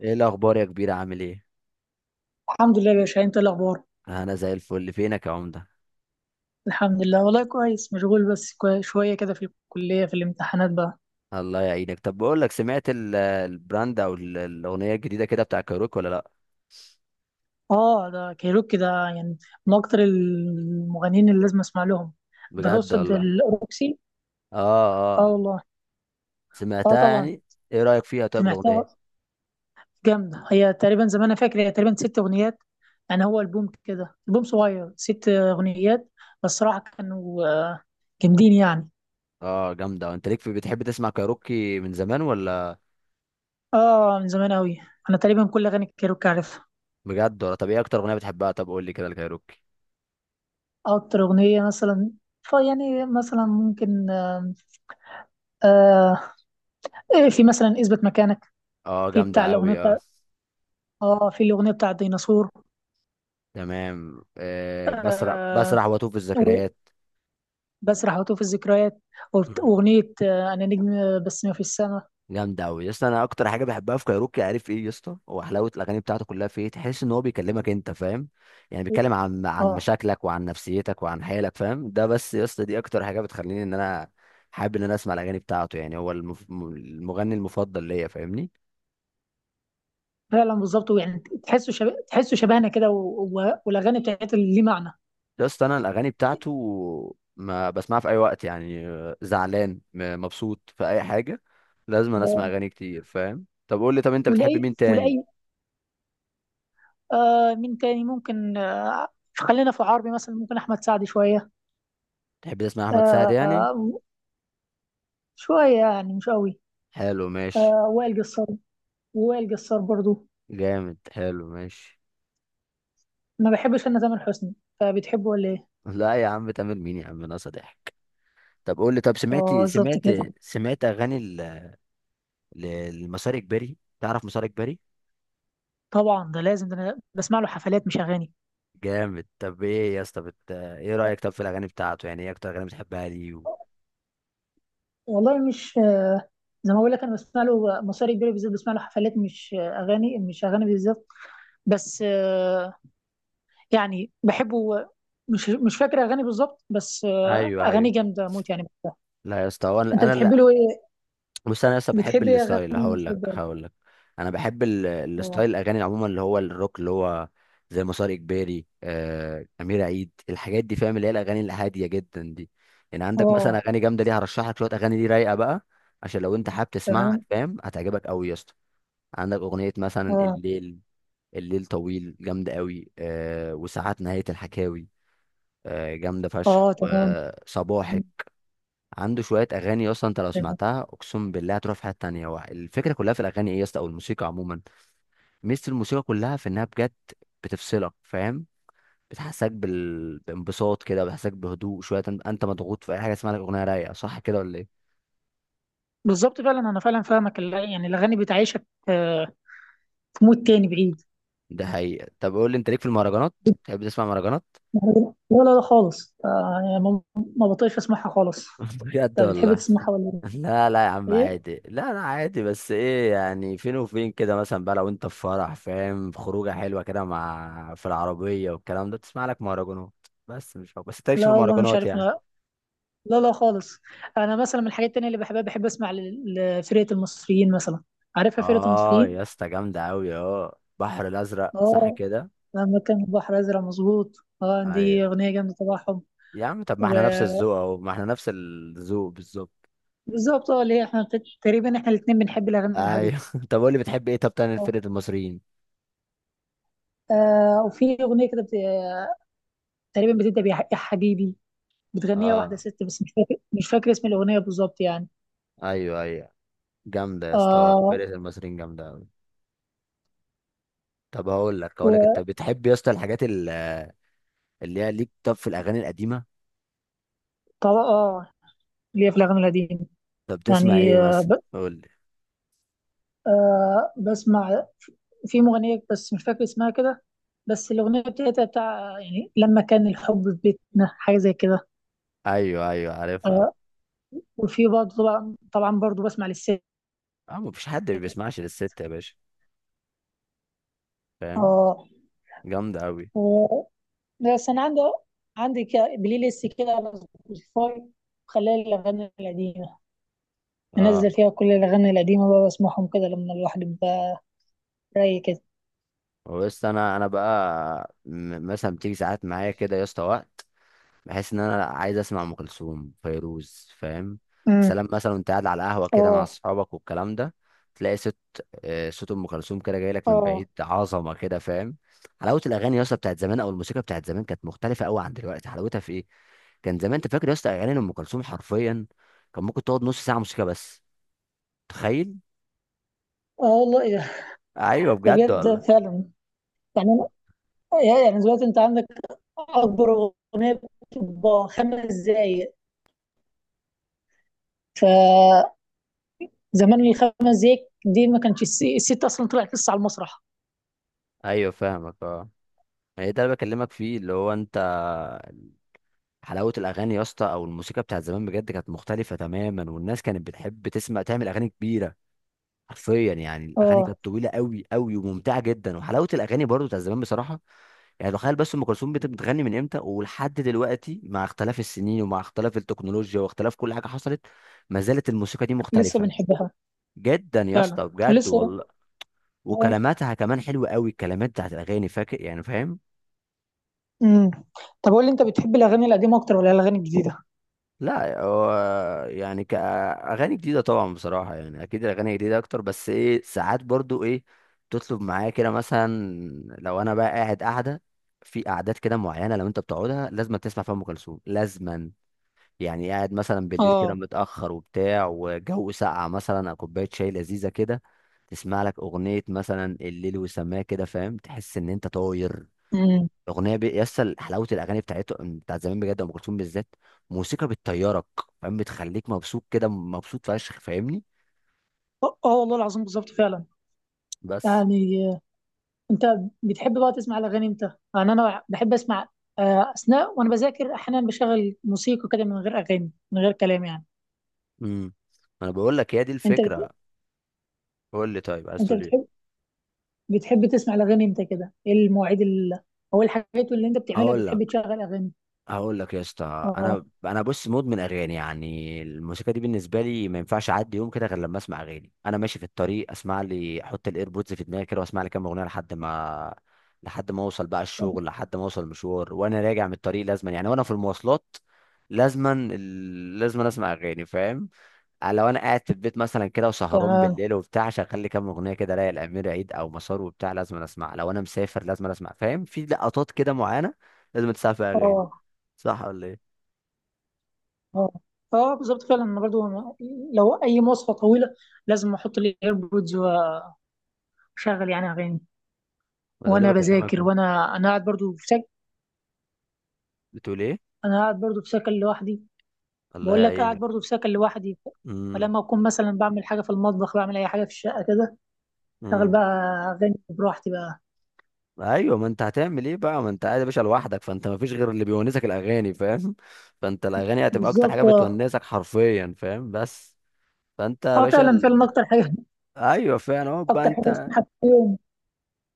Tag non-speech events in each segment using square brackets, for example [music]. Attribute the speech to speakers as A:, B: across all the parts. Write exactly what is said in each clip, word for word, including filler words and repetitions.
A: ايه الاخبار يا كبير؟ عامل ايه؟
B: الحمد لله يا باشا، انت إيه الاخبار؟
A: انا زي الفل. فينك يا عمده؟
B: الحمد لله والله كويس، مشغول بس كوي- شويه كده في الكليه، في الامتحانات بقى.
A: الله يعينك. طب بقول لك، سمعت ال- البراند او ال- الاغنيه الجديده كده بتاع كايروكي ولا لا؟
B: اه ده كايروكي ده، يعني من اكتر المغنيين اللي لازم اسمع لهم. ده
A: بجد
B: تقصد
A: والله؟
B: الاوروكسي.
A: اه،
B: اه
A: اه.
B: والله. اه
A: سمعتها
B: طبعا.
A: يعني؟ ايه رايك فيها طيب الاغنيه؟
B: سمعتها جامده، هي تقريبا زي ما انا فاكر هي تقريبا ست اغنيات، يعني هو البوم كده، البوم صغير ست اغنيات. بس صراحه كانوا آه، جامدين يعني.
A: اه جامده. انت ليك في؟ بتحب تسمع كايروكي من زمان ولا؟
B: اه من زمان قوي، انا تقريبا كل اغاني كايروكي عارفها.
A: بجد ولا؟ طب ايه اكتر اغنيه بتحبها؟ طب قول لي كده الكايروكي.
B: أكتر أغنية مثلا، فيعني مثلا ممكن آه آه، إيه، في مثلا اثبت مكانك،
A: اه
B: في
A: جامده
B: بتاع الأغنية
A: قوي،
B: بتاع
A: اه.
B: آه في الأغنية بتاع الديناصور.
A: تمام. آه بسرح
B: آه
A: بسرح واتوه في
B: و-
A: الذكريات.
B: بسرح وأتوه الذكريات، وبت- وأغنية آه أنا نجم، آه، بس ما في السماء.
A: جامدة أوي يا اسطى. أنا أكتر حاجة بحبها في كايروكي، عارف إيه يا اسطى؟ هو حلاوة الأغاني بتاعته كلها، في إيه؟ تحس إن هو بيكلمك أنت، فاهم؟ يعني بيتكلم عن عن
B: آه
A: مشاكلك وعن نفسيتك وعن حالك، فاهم؟ ده بس يا اسطى دي أكتر حاجة بتخليني إن أنا حابب إن أنا أسمع الأغاني بتاعته. يعني هو المف... م- المغني المفضل ليا، فاهمني؟
B: فعلا بالظبط يعني، تحسوا شبه، تحسوا شبهنا كده و- و- والأغاني بتاعتها اللي ليه معنى.
A: يا اسطى، أنا الأغاني بتاعته ما بسمعها في أي وقت يعني، آه، زعلان م- مبسوط في أي حاجة. لازم أنا أسمع
B: آه،
A: أغاني كتير، فاهم؟ طب قول لي، طب أنت بتحب
B: ولأي
A: مين تاني؟
B: ولأي آه مين تاني ممكن؟ آه خلينا في عربي مثلا، ممكن أحمد سعد شوية.
A: تحب تسمع أحمد سعد
B: آه
A: يعني؟
B: آه، شوية يعني مش قوي.
A: حلو، ماشي.
B: آه وائل جسار، وائل جسار برضو.
A: جامد، حلو، ماشي.
B: ما بحبش انا تامر حسني، فبتحبه ولا ايه؟
A: لا يا عم، تامر مين يا عم؟ ناقصه ضحك. طب قول لي، طب سمعت
B: اه بالظبط
A: سمعت
B: كده.
A: سمعت اغاني ال- ل- لمسار اجباري. تعرف مسار اجباري؟
B: طبعا ده لازم، ده انا بسمع له حفلات مش اغاني.
A: جامد. طب ايه يا اسطى بت... ايه رايك طب في الاغاني بتاعته؟ يعني ايه اكتر اغاني بتحبها ليه و...
B: والله مش، زي ما بقول لك انا بسمع له مصاري كبيره، بالذات بسمع له حفلات مش اغاني، مش اغاني بالذات. بس آه، يعني بحبه، مش مش فاكر اغاني بالظبط، بس آه،
A: ايوه،
B: اغاني
A: ايوه.
B: جامده موت يعني بحبها.
A: لا يا اسطى، هو
B: انت
A: انا انا
B: بتحب له ايه؟
A: بص، انا لسه بحب
B: بتحب ايه؟
A: الستايل.
B: اغاني
A: هقول
B: مصاري
A: لك
B: كبيره.
A: هقول لك انا بحب ال-
B: اه.
A: الستايل، الاغاني عموما اللي هو الروك، اللي هو زي مسار اجباري، آه، امير عيد، الحاجات دي فاهم، اللي هي الاغاني الهاديه جدا دي. يعني عندك مثلا
B: اه
A: اغاني جامده، دي هرشح لك شويه اغاني دي رايقه بقى. عشان لو انت حابب تسمعها،
B: تمام.
A: فاهم؟ هتعجبك قوي يا اسطى. عندك اغنيه مثلا
B: اه.
A: الليل. الليل طويل، جامده قوي، آه، وساعات نهايه الحكاوي. آه، جامده فشخ،
B: اه تمام.
A: وصباحك. عنده شويه اغاني اصلا، انت لو
B: تمام
A: سمعتها اقسم بالله هتروح في حته تانية. هو الفكره كلها في الاغاني ايه يا اسطى، او الموسيقى عموما. ميزه الموسيقى كلها في انها بجد بتفصلك، فاهم؟ بتحسسك بال... بانبساط كده، بتحسسك بهدوء شويه. انت أنت مضغوط في اي حاجه، اسمها لك اغنيه رايقه. صح كده ولا ايه؟
B: بالظبط فعلا، انا فعلا فاهمك، ال- يعني الاغاني بتعيشك، آه، في مود تاني بعيد.
A: ده حقيقه. طب قول لي، انت ليك في المهرجانات؟ تحب تسمع مهرجانات؟
B: لا، لا لا خالص، آه، يعني ما ما بطيقش اسمعها خالص.
A: [laughs] بجد
B: انت بتحب
A: والله؟
B: تسمعها ولا
A: لا، لا يا عم،
B: ايه؟
A: عادي. لا، لا، عادي. بس ايه يعني، فين وفين كده. مثلا بقى لو انت في فرح، فاهم؟ في خروجه حلوه كده، مع في العربيه والكلام ده، تسمع لك مهرجانات. بس مش هو. بس انت لكش في
B: لا والله مش
A: المهرجانات
B: عارف
A: يعني؟
B: ما. لا لا خالص. انا مثلا من الحاجات التانية اللي بحبها، بحب اسمع ل- لفرقة المصريين مثلا، عارفها فرقة
A: اه
B: المصريين.
A: يا اسطى، جامده قوي، اه. بحر الازرق، صح
B: اه
A: كده؟
B: لما كان البحر ازرق، مظبوط. اه دي
A: ايوه
B: اغنية جامدة تبعهم.
A: يا عم، طب ما احنا نفس الذوق اهو، ما احنا نفس الذوق بالظبط.
B: وبالظبط اه، اللي هي احنا بت- تقريبا احنا الاتنين بنحب الاغاني الهادية.
A: ايوه. [laughs] طب قول لي، بتحب ايه طب تاني
B: اه
A: فرقه المصريين؟
B: آه، وفي اغنية كده تقريبا بتبدا بيا يا حبيبي، بتغنيها واحده
A: اه.
B: ست، بس مش فاكر مش فاكر اسم الاغنيه بالظبط يعني.
A: ايوه، ايوه. جامده يا اسطى،
B: اه
A: فرقه المصريين جامده قوي. طب هقول لك هقول لك انت بتحب يا اسطى الحاجات ال- اللي هي ليك طب في الاغاني القديمه.
B: وطبعا اه، اللي هي في الاغاني القديمه
A: طب بتسمع ايه
B: يعني. آه
A: مثلا،
B: ب...
A: قول لي.
B: آه بسمع في مغنيه، بس مش فاكر اسمها كده، بس الاغنيه بتاعتها بتاع يعني لما كان الحب في بيتنا، حاجه زي كده.
A: ايوه، ايوه، عارفها.
B: آه وفي برضه، طبعا طبعا برضه بسمع للست.
A: اه، مفيش حد ما بيسمعش للست يا باشا، فاهم؟
B: اه
A: جامده قوي،
B: و- بس انا عندي عندي كده بلاي ليست كده على سبوتيفاي، خلال الاغاني القديمه،
A: اه.
B: انزل فيها كل الاغاني القديمه بقى واسمعهم كده لما الواحد يبقى رايق كده.
A: بس انا انا بقى م- مثلا بتيجي ساعات معايا كده يا اسطى وقت، بحيث ان انا عايز اسمع ام كلثوم، فيروز، فاهم؟
B: امم.
A: سلام مثلا. وانت قاعد على القهوه كده مع
B: اه.
A: اصحابك والكلام ده، تلاقي صوت، آه، صوت ام كلثوم كده جاي لك من
B: اه.
A: بعيد، عظمه كده، فاهم؟ حلاوه الاغاني يا اسطى بتاعت زمان، او الموسيقى بتاعت زمان، كانت مختلفه قوي عن دلوقتي. حلاوتها في ايه؟ كان زمان، انت فاكر يا اسطى اغاني ام كلثوم حرفيا، كان ممكن تقعد نص ساعه موسيقى بس. تخيل!
B: اه والله، إيه ده؟
A: ايوه،
B: ده
A: بجد
B: بجد
A: والله.
B: فعلا، يعني أنا- يعني دلوقتي انت عندك اكبر اغنيه بتبقى خمس دقايق. فزمان الخمس دقايق دي ما كانش الس- الست اصلا طلعت لسه على المسرح.
A: ايوه فاهمك، اه. هي ده اللي بكلمك فيه، اللي هو انت. حلاوه الاغاني يا اسطى او الموسيقى بتاعت زمان بجد كانت مختلفه تماما، والناس كانت بتحب تسمع، تعمل اغاني كبيره. حرفيا، يعني الاغاني
B: اه
A: كانت طويله قوي قوي وممتعه جدا، وحلاوه الاغاني برضو بتاعت زمان بصراحه. يعني تخيل، بس ام كلثوم بت- بتغني من امتى ولحد دلوقتي، مع اختلاف السنين ومع اختلاف التكنولوجيا واختلاف كل حاجه حصلت، ما زالت الموسيقى دي
B: لسه
A: مختلفه
B: بنحبها.
A: جدا يا
B: فعلا
A: اسطى، بجد
B: ولسه.
A: والله.
B: اه.
A: وكلماتها كمان حلوه قوي، الكلمات بتاعت الاغاني، فاكر يعني، فاهم؟
B: امم. طب قول لي، انت بتحب الاغاني القديمه اكتر ولا الاغاني الجديده؟
A: لا، هو يعني كأغاني جديدة طبعا بصراحة، يعني أكيد الأغاني جديدة أكتر. بس إيه، ساعات برضو إيه، تطلب معايا كده مثلا. لو أنا بقى قاعد قاعدة في قعدات كده معينة، لو أنت بتقعدها لازم تسمع فيها أم كلثوم لازما. يعني قاعد مثلا بالليل كده
B: اه.
A: متأخر وبتاع، وجو ساقع مثلا أو كوباية شاي لذيذة كده، تسمع لك أغنية مثلا الليل وسماه كده، فاهم؟ تحس إن أنت طاير.
B: امم.
A: الاغنيه بي... يسطا، حلاوه الاغاني بتاعته بتاعت زمان بجد ام كلثوم بالذات، موسيقى بتطيرك، فاهم؟ بتخليك مبسوط كده، مبسوط فشخ، فاهمني؟
B: اه آه والله العظيم بالظبط فعلا.
A: بس.
B: يعني انت بتحب بقى تسمع الاغاني امتى؟ يعني انا بحب اسمع، آه، اثناء وانا بذاكر احيانا بشغل موسيقى كده من غير اغاني، من غير كلام يعني.
A: امم انا بقول لك هي دي
B: انت
A: الفكره.
B: بت...
A: قول لي طيب، عايز
B: انت
A: تقول
B: بتحب
A: ايه؟
B: بتحب تسمع الاغاني امتى كده، ايه المواعيد ال... او إيه الحاجات اللي انت بتعملها
A: اقول
B: بتحب
A: لك.
B: تشغل اغاني؟
A: هقول لك يا اسطى،
B: اه
A: انا انا بص مدمن اغاني، يعني الموسيقى دي بالنسبه لي ما ينفعش اعدي يوم كده غير لما اسمع اغاني. انا ماشي في الطريق اسمع لي، احط الايربودز في دماغي كده واسمع لي كام اغنيه لحد ما لحد ما اوصل بقى الشغل، لحد ما اوصل المشوار، وانا راجع من الطريق لازما يعني، وانا في المواصلات لازما ال- لازما اسمع اغاني، فاهم؟ آه، لو انا قاعد في البيت مثلا كده وسهران
B: تمام.
A: بالليل وبتاع، شغال لي كام اغنيه كده رايق، الامير عيد او مسار وبتاع، لازم أنا اسمع. لو انا مسافر لازم أنا اسمع، فاهم؟ في لقطات كده معينه لازم تسمع فيها اغاني.
B: اه.
A: صح ولا ايه؟
B: اه. اه بالظبط فعلا. انا برضو لو اي مواصفه طويله لازم احط لي ايربودز واشغل يعني اغاني،
A: ما ده اللي
B: وانا
A: بكلمك
B: بذاكر،
A: فيه.
B: وانا انا قاعد برضو في سكن.
A: بتقول ايه؟
B: انا قاعد برضو في سكن لوحدي.
A: الله
B: بقول لك قاعد
A: يعينك.
B: برضو في سكن لوحدي،
A: امم،
B: فلما اكون مثلا بعمل حاجه في المطبخ، بعمل اي حاجه في الشقه كده، شغل
A: امم.
B: بقى اغاني براحتي بقى.
A: ايوه، ما انت هتعمل ايه بقى؟ ما انت قاعد يا باشا لوحدك، فانت ما فيش غير اللي بيونسك الاغاني، فاهم؟ [laughs] فانت الاغاني هتبقى اكتر حاجه
B: بالظبط اه.
A: بتونسك حرفيا، فاهم؟ بس فانت يا
B: اه
A: باشا
B: فعلا، فعلا
A: ال...
B: اكتر حاجه.
A: ايوه فعلا اهو
B: [laughs]
A: بقى
B: اكتر حاجه
A: انت.
B: اسمها في اليوم.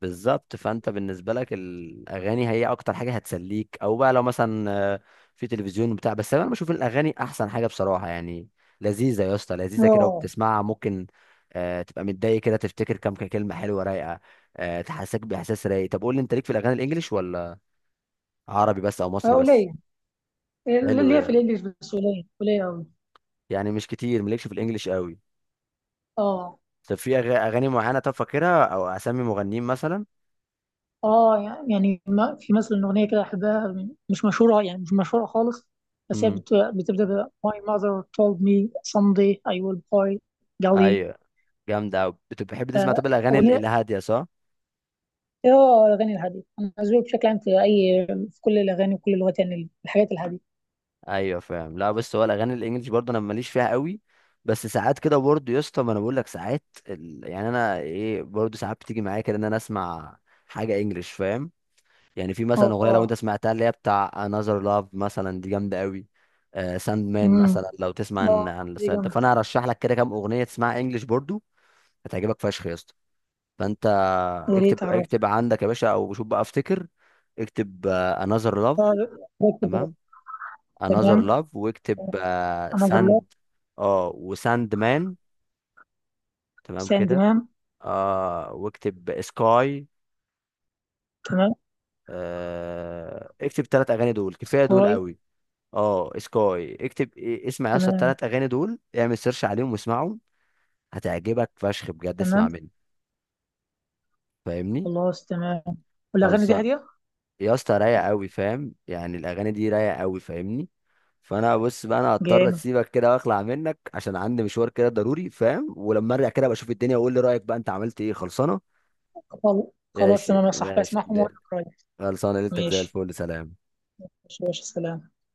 A: بالظبط. فانت بالنسبه لك الاغاني هي اكتر حاجه هتسليك، او بقى لو مثلا، آه، في تلفزيون بتاع، بس انا بشوف الاغاني احسن حاجه بصراحه يعني. لذيذه يا اسطى، لذيذه كده
B: اه
A: وبتسمعها، ممكن آه، تبقى متضايق كده، تفتكر كام كلمه حلوه رايقه، آه، تحسسك باحساس رايق. طب قول لي، انت ليك في الاغاني الانجليش، ولا عربي بس او
B: آه،
A: مصري بس؟
B: قليل،
A: حلو
B: اللي هي
A: ده.
B: في الانجليش بس قليل، قليل قوي.
A: يعني مش كتير، مالكش في الانجليش قوي؟
B: اه.
A: طب في أغ- اغاني معينه طب فاكرها، او اسامي مغنيين مثلا؟
B: اه يعني ما في مثلا اغنيه كده احبها، مش مشهوره يعني مش مشهوره خالص، بس هي
A: امم.
B: بت- بتبدا ب My mother told me someday I will buy
A: ايوه، جامده أوي. بتحب تسمع طب الاغاني ال-
B: Gali.
A: الهاديه، صح؟
B: اه الاغاني الهاديه، انا ذوقي بشكل عام في اي، في كل الاغاني وكل اللغات يعني الحاجات الهاديه.
A: ايوه فاهم. لا بس هو الاغاني الانجليش برضه انا ماليش فيها قوي. بس ساعات كده برضه يا اسطى، ما انا بقول لك ساعات ال... يعني انا ايه، برضه ساعات بتيجي معايا كده ان انا اسمع حاجه انجليش، فاهم؟ يعني في مثلا اغنيه لو انت
B: اه.
A: سمعتها اللي هي بتاع Another Love مثلا، دي جامده قوي. آه ساند مان
B: امم.
A: مثلا، لو تسمع
B: اه
A: عن عن
B: دي
A: الستايل ده
B: جامده،
A: فانا هرشح لك كده كام اغنيه تسمعها انجليش برضه. هتعجبك فشخ يا اسطى. فانت
B: يا
A: اكتب
B: ريت
A: اكتب
B: اعرفها.
A: عندك يا باشا، او شوف بقى افتكر. اكتب آه Another Love.
B: اه ده كده.
A: تمام. انذر
B: تمام.
A: لاف، واكتب آه
B: انا الله.
A: ساند. اه، وساند مان. تمام
B: سان
A: كده.
B: تمام.
A: اه، واكتب سكاي.
B: تمام
A: آه اكتب ثلاث اغاني، دول كفايه، دول
B: كوي.
A: قوي. اه، سكاي. اكتب إيه- اسمع يا اسطى،
B: تمام.
A: الثلاث اغاني دول اعمل سيرش عليهم واسمعهم. هتعجبك فشخ بجد، اسمع
B: تمام
A: مني. فاهمني؟
B: خلاص تمام والاغاني دي
A: خلصان.
B: هاديه؟
A: يا اسطى، رايقه قوي، فاهم؟ يعني الاغاني دي رايقه قوي، فاهمني؟ فانا بص بقى، انا هضطر
B: جامد.
A: اسيبك كده واخلع منك عشان عندي مشوار كده ضروري، فاهم؟ ولما ارجع كده بشوف الدنيا واقول لي رايك بقى، انت عملت ايه. خلصانه؟
B: خل- خلاص
A: ماشي،
B: تمام يا صاحبي،
A: ماشي
B: اسمعهم
A: ل-
B: واقول لك رايي.
A: خلصانه. ليلتك زي
B: ماشي.
A: الفل، سلام.
B: ماشي يا باشا، سلام.